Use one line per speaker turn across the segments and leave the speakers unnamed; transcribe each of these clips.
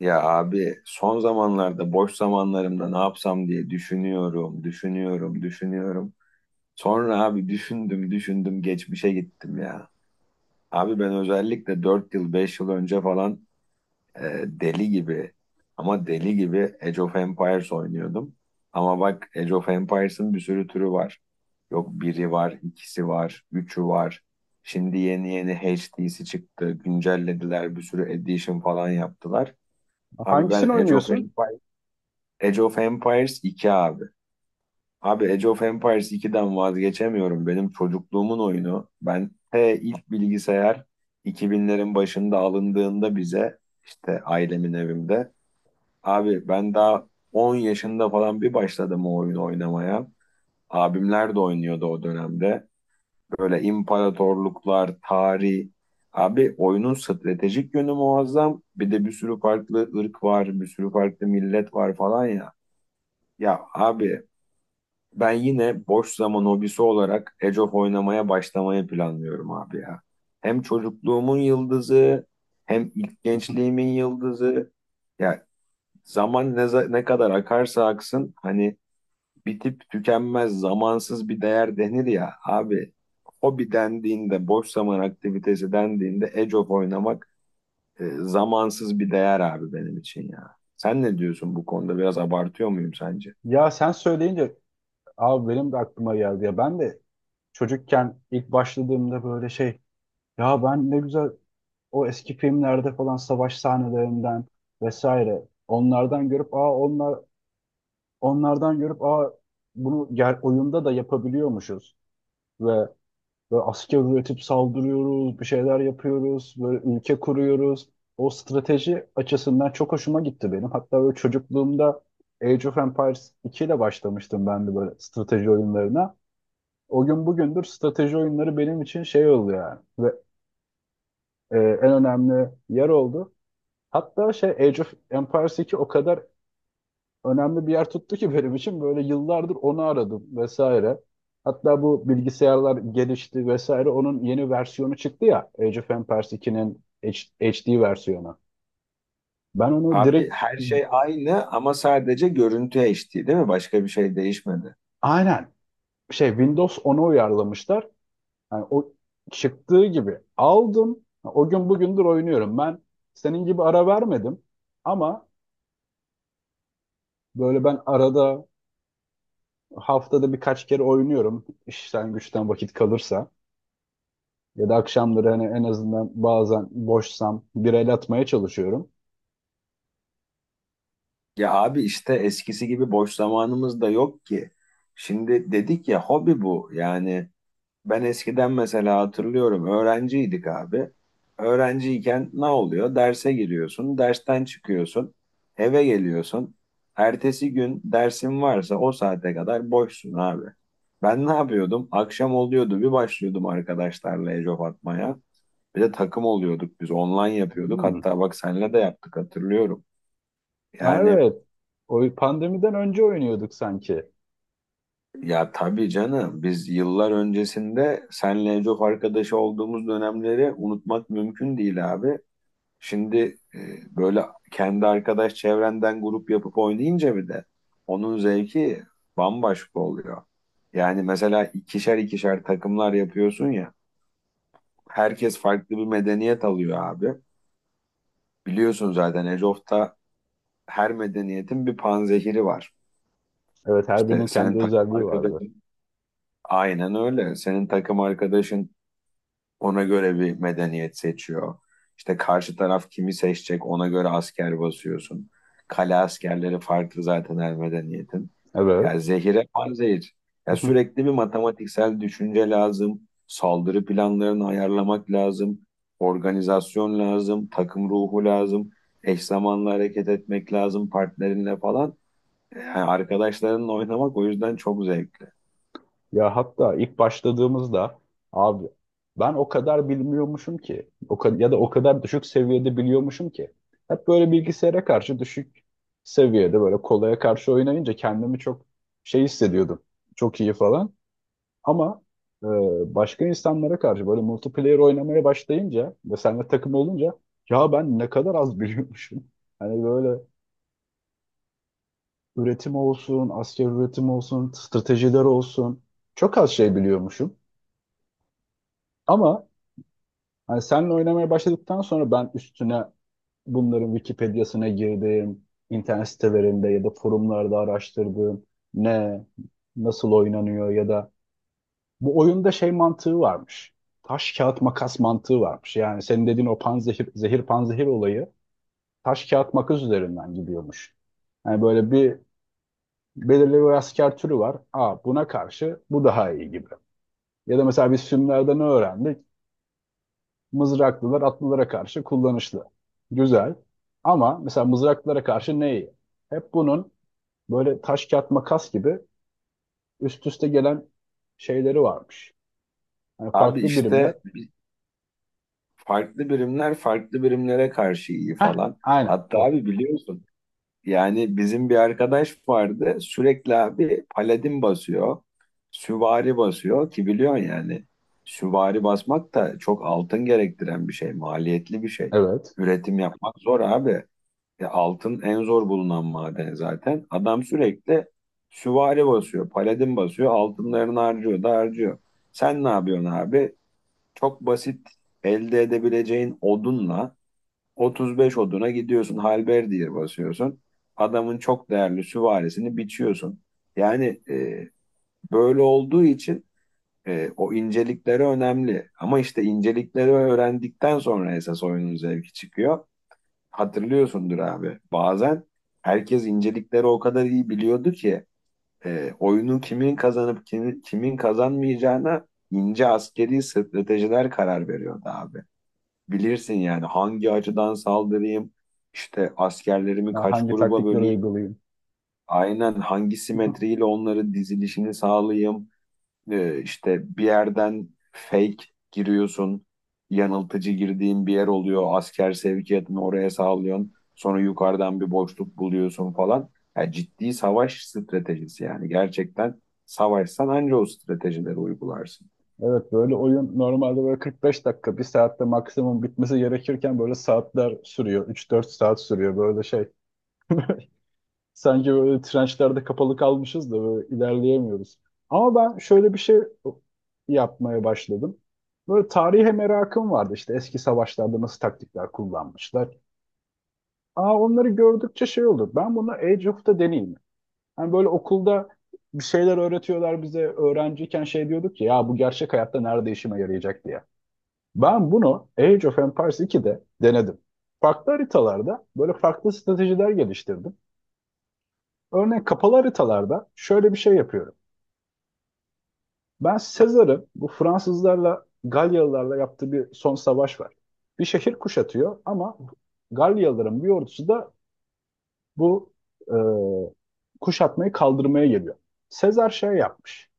Ya abi son zamanlarda boş zamanlarımda ne yapsam diye düşünüyorum, düşünüyorum, düşünüyorum. Sonra abi düşündüm, düşündüm, geçmişe gittim ya. Abi ben özellikle 4 yıl, 5 yıl önce falan e, deli gibi ama deli gibi Age of Empires oynuyordum. Ama bak Age of Empires'ın bir sürü türü var. Yok biri var, ikisi var, üçü var. Şimdi yeni yeni HD'si çıktı, güncellediler, bir sürü edition falan yaptılar. Abi ben
Hangisini oynuyorsun?
Age of Empires iki abi. Abi Age of Empires 2'den vazgeçemiyorum. Benim çocukluğumun oyunu. Ben T ilk bilgisayar 2000'lerin başında alındığında bize işte ailemin evimde. Abi ben daha 10 yaşında falan bir başladım o oyunu oynamaya. Abimler de oynuyordu o dönemde. Böyle imparatorluklar, tarih. Abi oyunun stratejik yönü muazzam. Bir de bir sürü farklı ırk var, bir sürü farklı millet var falan ya. Ya abi, ben yine boş zaman hobisi olarak Age of oynamaya başlamayı planlıyorum abi ya. Hem çocukluğumun yıldızı, hem ilk gençliğimin yıldızı. Ya zaman ne kadar akarsa aksın hani bitip tükenmez zamansız bir değer denir ya abi. Hobi dendiğinde, boş zaman aktivitesi dendiğinde Age of oynamak zamansız bir değer abi benim için ya. Sen ne diyorsun bu konuda? Biraz abartıyor muyum sence?
Ya sen söyleyince abi benim de aklıma geldi ya. Ben de çocukken ilk başladığımda böyle şey ya ben ne güzel o eski filmlerde falan savaş sahnelerinden vesaire onlardan görüp aa onlardan görüp aa bunu oyunda da yapabiliyormuşuz ve böyle asker üretip saldırıyoruz, bir şeyler yapıyoruz, böyle ülke kuruyoruz. O strateji açısından çok hoşuma gitti benim. Hatta böyle çocukluğumda Age of Empires 2 ile başlamıştım ben de böyle strateji oyunlarına. O gün bugündür strateji oyunları benim için şey oldu yani. Ve en önemli yer oldu. Hatta şey Age of Empires 2 o kadar önemli bir yer tuttu ki benim için böyle yıllardır onu aradım vesaire. Hatta bu bilgisayarlar gelişti vesaire onun yeni versiyonu çıktı ya Age of Empires 2'nin HD versiyonu. Ben onu
Abi
direkt
her şey aynı ama sadece görüntü HD değil mi? Başka bir şey değişmedi.
aynen şey Windows 10'a uyarlamışlar. Yani o çıktığı gibi aldım. O gün bugündür oynuyorum. Ben senin gibi ara vermedim ama böyle ben arada haftada birkaç kere oynuyorum. İşten güçten vakit kalırsa. Ya da akşamları hani en azından bazen boşsam bir el atmaya çalışıyorum.
Ya abi işte eskisi gibi boş zamanımız da yok ki. Şimdi dedik ya hobi bu. Yani ben eskiden mesela hatırlıyorum öğrenciydik abi. Öğrenciyken ne oluyor? Derse giriyorsun, dersten çıkıyorsun, eve geliyorsun. Ertesi gün dersin varsa o saate kadar boşsun abi. Ben ne yapıyordum? Akşam oluyordu bir başlıyordum arkadaşlarla ecop atmaya. Bir de takım oluyorduk biz. Online yapıyorduk.
Hmm.
Hatta bak senle de yaptık hatırlıyorum.
Ha,
Yani
evet. O pandemiden önce oynuyorduk sanki.
ya tabii canım biz yıllar öncesinde senle çok arkadaşı olduğumuz dönemleri unutmak mümkün değil abi. Şimdi e, böyle kendi arkadaş çevrenden grup yapıp oynayınca bir de onun zevki bambaşka oluyor. Yani mesela ikişer ikişer takımlar yapıyorsun ya. Herkes farklı bir medeniyet alıyor abi. Biliyorsun zaten Age of'ta her medeniyetin bir panzehiri var.
Evet, her
İşte
birinin
senin
kendi
takım
özelliği vardı.
arkadaşın aynen öyle. Senin takım arkadaşın ona göre bir medeniyet seçiyor. İşte karşı taraf kimi seçecek ona göre asker basıyorsun. Kale askerleri farklı zaten her medeniyetin. Ya
Evet.
zehire panzehir. Ya sürekli bir matematiksel düşünce lazım. Saldırı planlarını ayarlamak lazım. Organizasyon lazım. Takım ruhu lazım. Eş zamanlı hareket etmek lazım partnerinle falan. Yani arkadaşlarınla oynamak o yüzden çok zevkli.
Ya hatta ilk başladığımızda abi ben o kadar bilmiyormuşum ki ya da o kadar düşük seviyede biliyormuşum ki hep böyle bilgisayara karşı düşük seviyede böyle kolaya karşı oynayınca kendimi çok şey hissediyordum. Çok iyi falan. Ama e, başka insanlara karşı böyle multiplayer oynamaya başlayınca ve seninle takım olunca ya ben ne kadar az biliyormuşum. Hani böyle üretim olsun, asker üretim olsun, stratejiler olsun. Çok az şey biliyormuşum. Ama hani seninle oynamaya başladıktan sonra ben üstüne bunların Wikipedia'sına girdim, internet sitelerinde ya da forumlarda araştırdım. Ne, nasıl oynanıyor ya da bu oyunda şey mantığı varmış. Taş kağıt makas mantığı varmış. Yani senin dediğin o panzehir zehir panzehir olayı taş kağıt makas üzerinden gidiyormuş. Yani böyle bir belirli bir asker türü var. Aa, buna karşı bu daha iyi gibi. Ya da mesela biz filmlerde ne öğrendik? Mızraklılar atlılara karşı kullanışlı. Güzel. Ama mesela mızraklılara karşı ne iyi? Hep bunun böyle taş kağıt makas gibi üst üste gelen şeyleri varmış. Yani
Abi
farklı birimler.
işte farklı birimler farklı birimlere karşı iyi
Heh,
falan.
aynen
Hatta
o.
abi biliyorsun yani bizim bir arkadaş vardı sürekli abi paladin basıyor, süvari basıyor ki biliyorsun yani süvari basmak da çok altın gerektiren bir şey, maliyetli bir şey.
Evet.
Üretim yapmak zor abi. Ya altın en zor bulunan maden zaten. Adam sürekli süvari basıyor, paladin basıyor, altınlarını harcıyor da harcıyor. Sen ne yapıyorsun abi? Çok basit elde edebileceğin odunla 35 oduna gidiyorsun. Halberdiye basıyorsun. Adamın çok değerli süvarisini biçiyorsun. Yani böyle olduğu için o incelikleri önemli. Ama işte incelikleri öğrendikten sonra esas oyunun zevki çıkıyor. Hatırlıyorsundur abi. Bazen herkes incelikleri o kadar iyi biliyordu ki oyunun kimin kazanıp kimin kazanmayacağına ince askeri stratejiler karar veriyordu abi bilirsin yani hangi açıdan saldırayım, işte askerlerimi
Ya
kaç
hangi
gruba
taktikleri
böleyim,
uygulayayım?
aynen hangi simetriyle onları dizilişini sağlayayım, işte bir yerden fake giriyorsun, yanıltıcı girdiğin bir yer oluyor, asker sevkiyatını oraya sağlıyorsun, sonra yukarıdan bir boşluk buluyorsun falan. Ya ciddi savaş stratejisi yani gerçekten savaşsan anca o stratejileri uygularsın.
Evet, böyle oyun normalde böyle 45 dakika, bir saatte maksimum bitmesi gerekirken böyle saatler sürüyor. 3-4 saat sürüyor böyle şey. Sanki böyle trençlerde kapalı kalmışız da böyle ilerleyemiyoruz. Ama ben şöyle bir şey yapmaya başladım. Böyle tarihe merakım vardı. İşte eski savaşlarda nasıl taktikler kullanmışlar. Aa, onları gördükçe şey olur. Ben bunu Age of'ta deneyeyim. Hani böyle okulda bir şeyler öğretiyorlar bize. Öğrenciyken şey diyorduk ki ya bu gerçek hayatta nerede işime yarayacak diye. Ben bunu Age of Empires 2'de denedim. Farklı haritalarda böyle farklı stratejiler geliştirdim. Örneğin kapalı haritalarda şöyle bir şey yapıyorum. Ben Sezar'ın bu Fransızlarla Galyalılarla yaptığı bir son savaş var. Bir şehir kuşatıyor ama Galyalıların bir ordusu da bu e, kuşatmayı kaldırmaya geliyor. Sezar şey yapmış.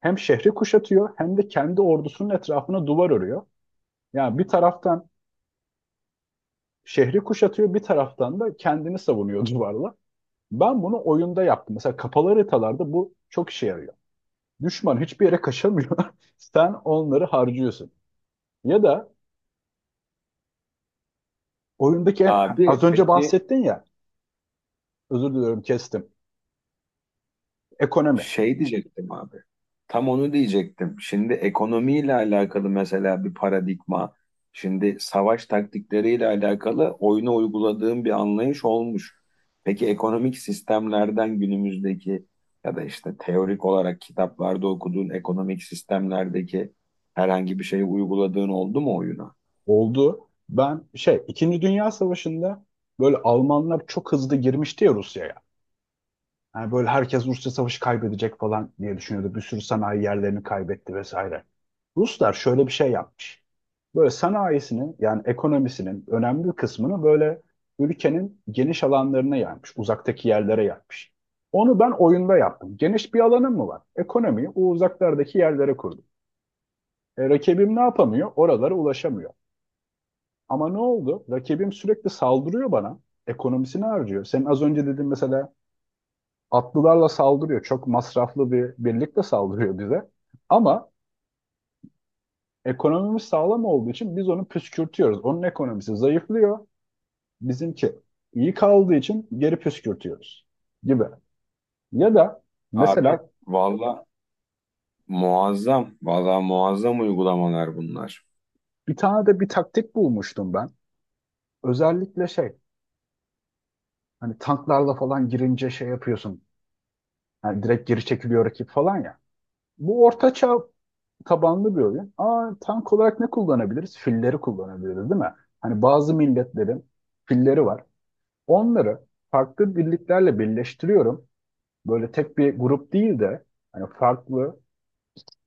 Hem şehri kuşatıyor hem de kendi ordusunun etrafına duvar örüyor. Yani bir taraftan şehri kuşatıyor, bir taraftan da kendini savunuyor duvarla. Ben bunu oyunda yaptım. Mesela kapalı haritalarda bu çok işe yarıyor. Düşman hiçbir yere kaçamıyor. Sen onları harcıyorsun. Ya da oyundaki en- az
Abi
önce
peki
bahsettin ya, özür diliyorum kestim. Ekonomi
Şey diyecektim abi. Tam onu diyecektim. Şimdi ekonomiyle alakalı mesela bir paradigma, şimdi savaş taktikleriyle alakalı oyuna uyguladığım bir anlayış olmuş. Peki ekonomik sistemlerden günümüzdeki ya da işte teorik olarak kitaplarda okuduğun ekonomik sistemlerdeki herhangi bir şeyi uyguladığın oldu mu oyuna?
oldu. Ben şey, İkinci Dünya Savaşı'nda böyle Almanlar çok hızlı girmişti ya Rusya'ya. Yani böyle herkes Rusya savaşı kaybedecek falan diye düşünüyordu. Bir sürü sanayi yerlerini kaybetti vesaire. Ruslar şöyle bir şey yapmış. Böyle sanayisini yani ekonomisinin önemli bir kısmını böyle ülkenin geniş alanlarına yaymış. Uzaktaki yerlere yaymış. Onu ben oyunda yaptım. Geniş bir alanım mı var? Ekonomiyi o uzaklardaki yerlere kurdum. Rakibim ne yapamıyor? Oralara ulaşamıyor. Ama ne oldu? Rakibim sürekli saldırıyor bana. Ekonomisini harcıyor. Senin az önce dediğin mesela atlılarla saldırıyor. Çok masraflı bir birlikte saldırıyor bize. Ama ekonomimiz sağlam olduğu için biz onu püskürtüyoruz. Onun ekonomisi zayıflıyor. Bizimki iyi kaldığı için geri püskürtüyoruz gibi. Ya da
Abi
mesela
valla muazzam, valla muazzam uygulamalar bunlar.
bir tane de bir taktik bulmuştum ben. Özellikle şey hani tanklarla falan girince şey yapıyorsun. Yani direkt geri çekiliyor rakip falan ya. Bu ortaçağ tabanlı bir oyun. Aa, tank olarak ne kullanabiliriz? Filleri kullanabiliriz değil mi? Hani bazı milletlerin filleri var. Onları farklı birliklerle birleştiriyorum. Böyle tek bir grup değil de hani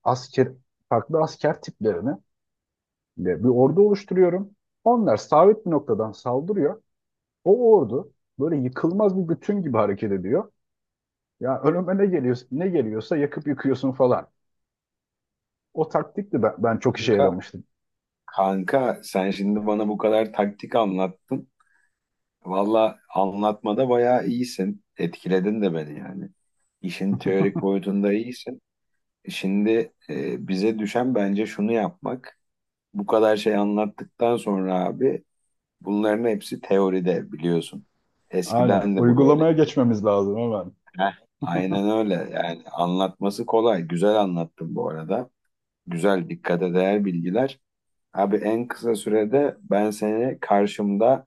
asker farklı asker tiplerini de bir ordu oluşturuyorum. Onlar sabit bir noktadan saldırıyor. O ordu böyle yıkılmaz bir bütün gibi hareket ediyor. Ya önüme ne geliyor, ne geliyorsa yakıp yıkıyorsun falan. O taktik de ben çok işe
Kanka
yaramıştı.
Kanka, sen şimdi bana bu kadar taktik anlattın. Valla anlatmada bayağı iyisin. Etkiledin de beni yani. İşin teorik boyutunda iyisin. Şimdi bize düşen bence şunu yapmak. Bu kadar şey anlattıktan sonra abi bunların hepsi teoride biliyorsun.
Aynen.
Eskiden de bu
Uygulamaya
böyleydi.
geçmemiz lazım hemen.
Heh. Aynen öyle yani anlatması kolay. Güzel anlattın bu arada. Güzel dikkate değer bilgiler. Abi en kısa sürede ben seni karşımda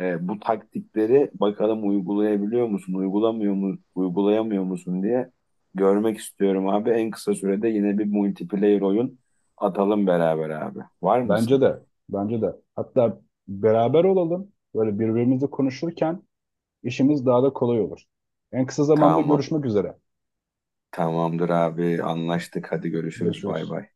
Bu taktikleri bakalım uygulayabiliyor musun, uygulamıyor mu, uygulayamıyor musun diye görmek istiyorum abi. En kısa sürede yine bir multiplayer oyun atalım beraber abi. Var mısın?
Bence de. Bence de. Hatta beraber olalım. Böyle birbirimizle konuşurken işimiz daha da kolay olur. En kısa zamanda
Tamam.
görüşmek üzere.
Tamamdır abi. Anlaştık. Hadi görüşürüz. Bay
Görüşürüz.
bay.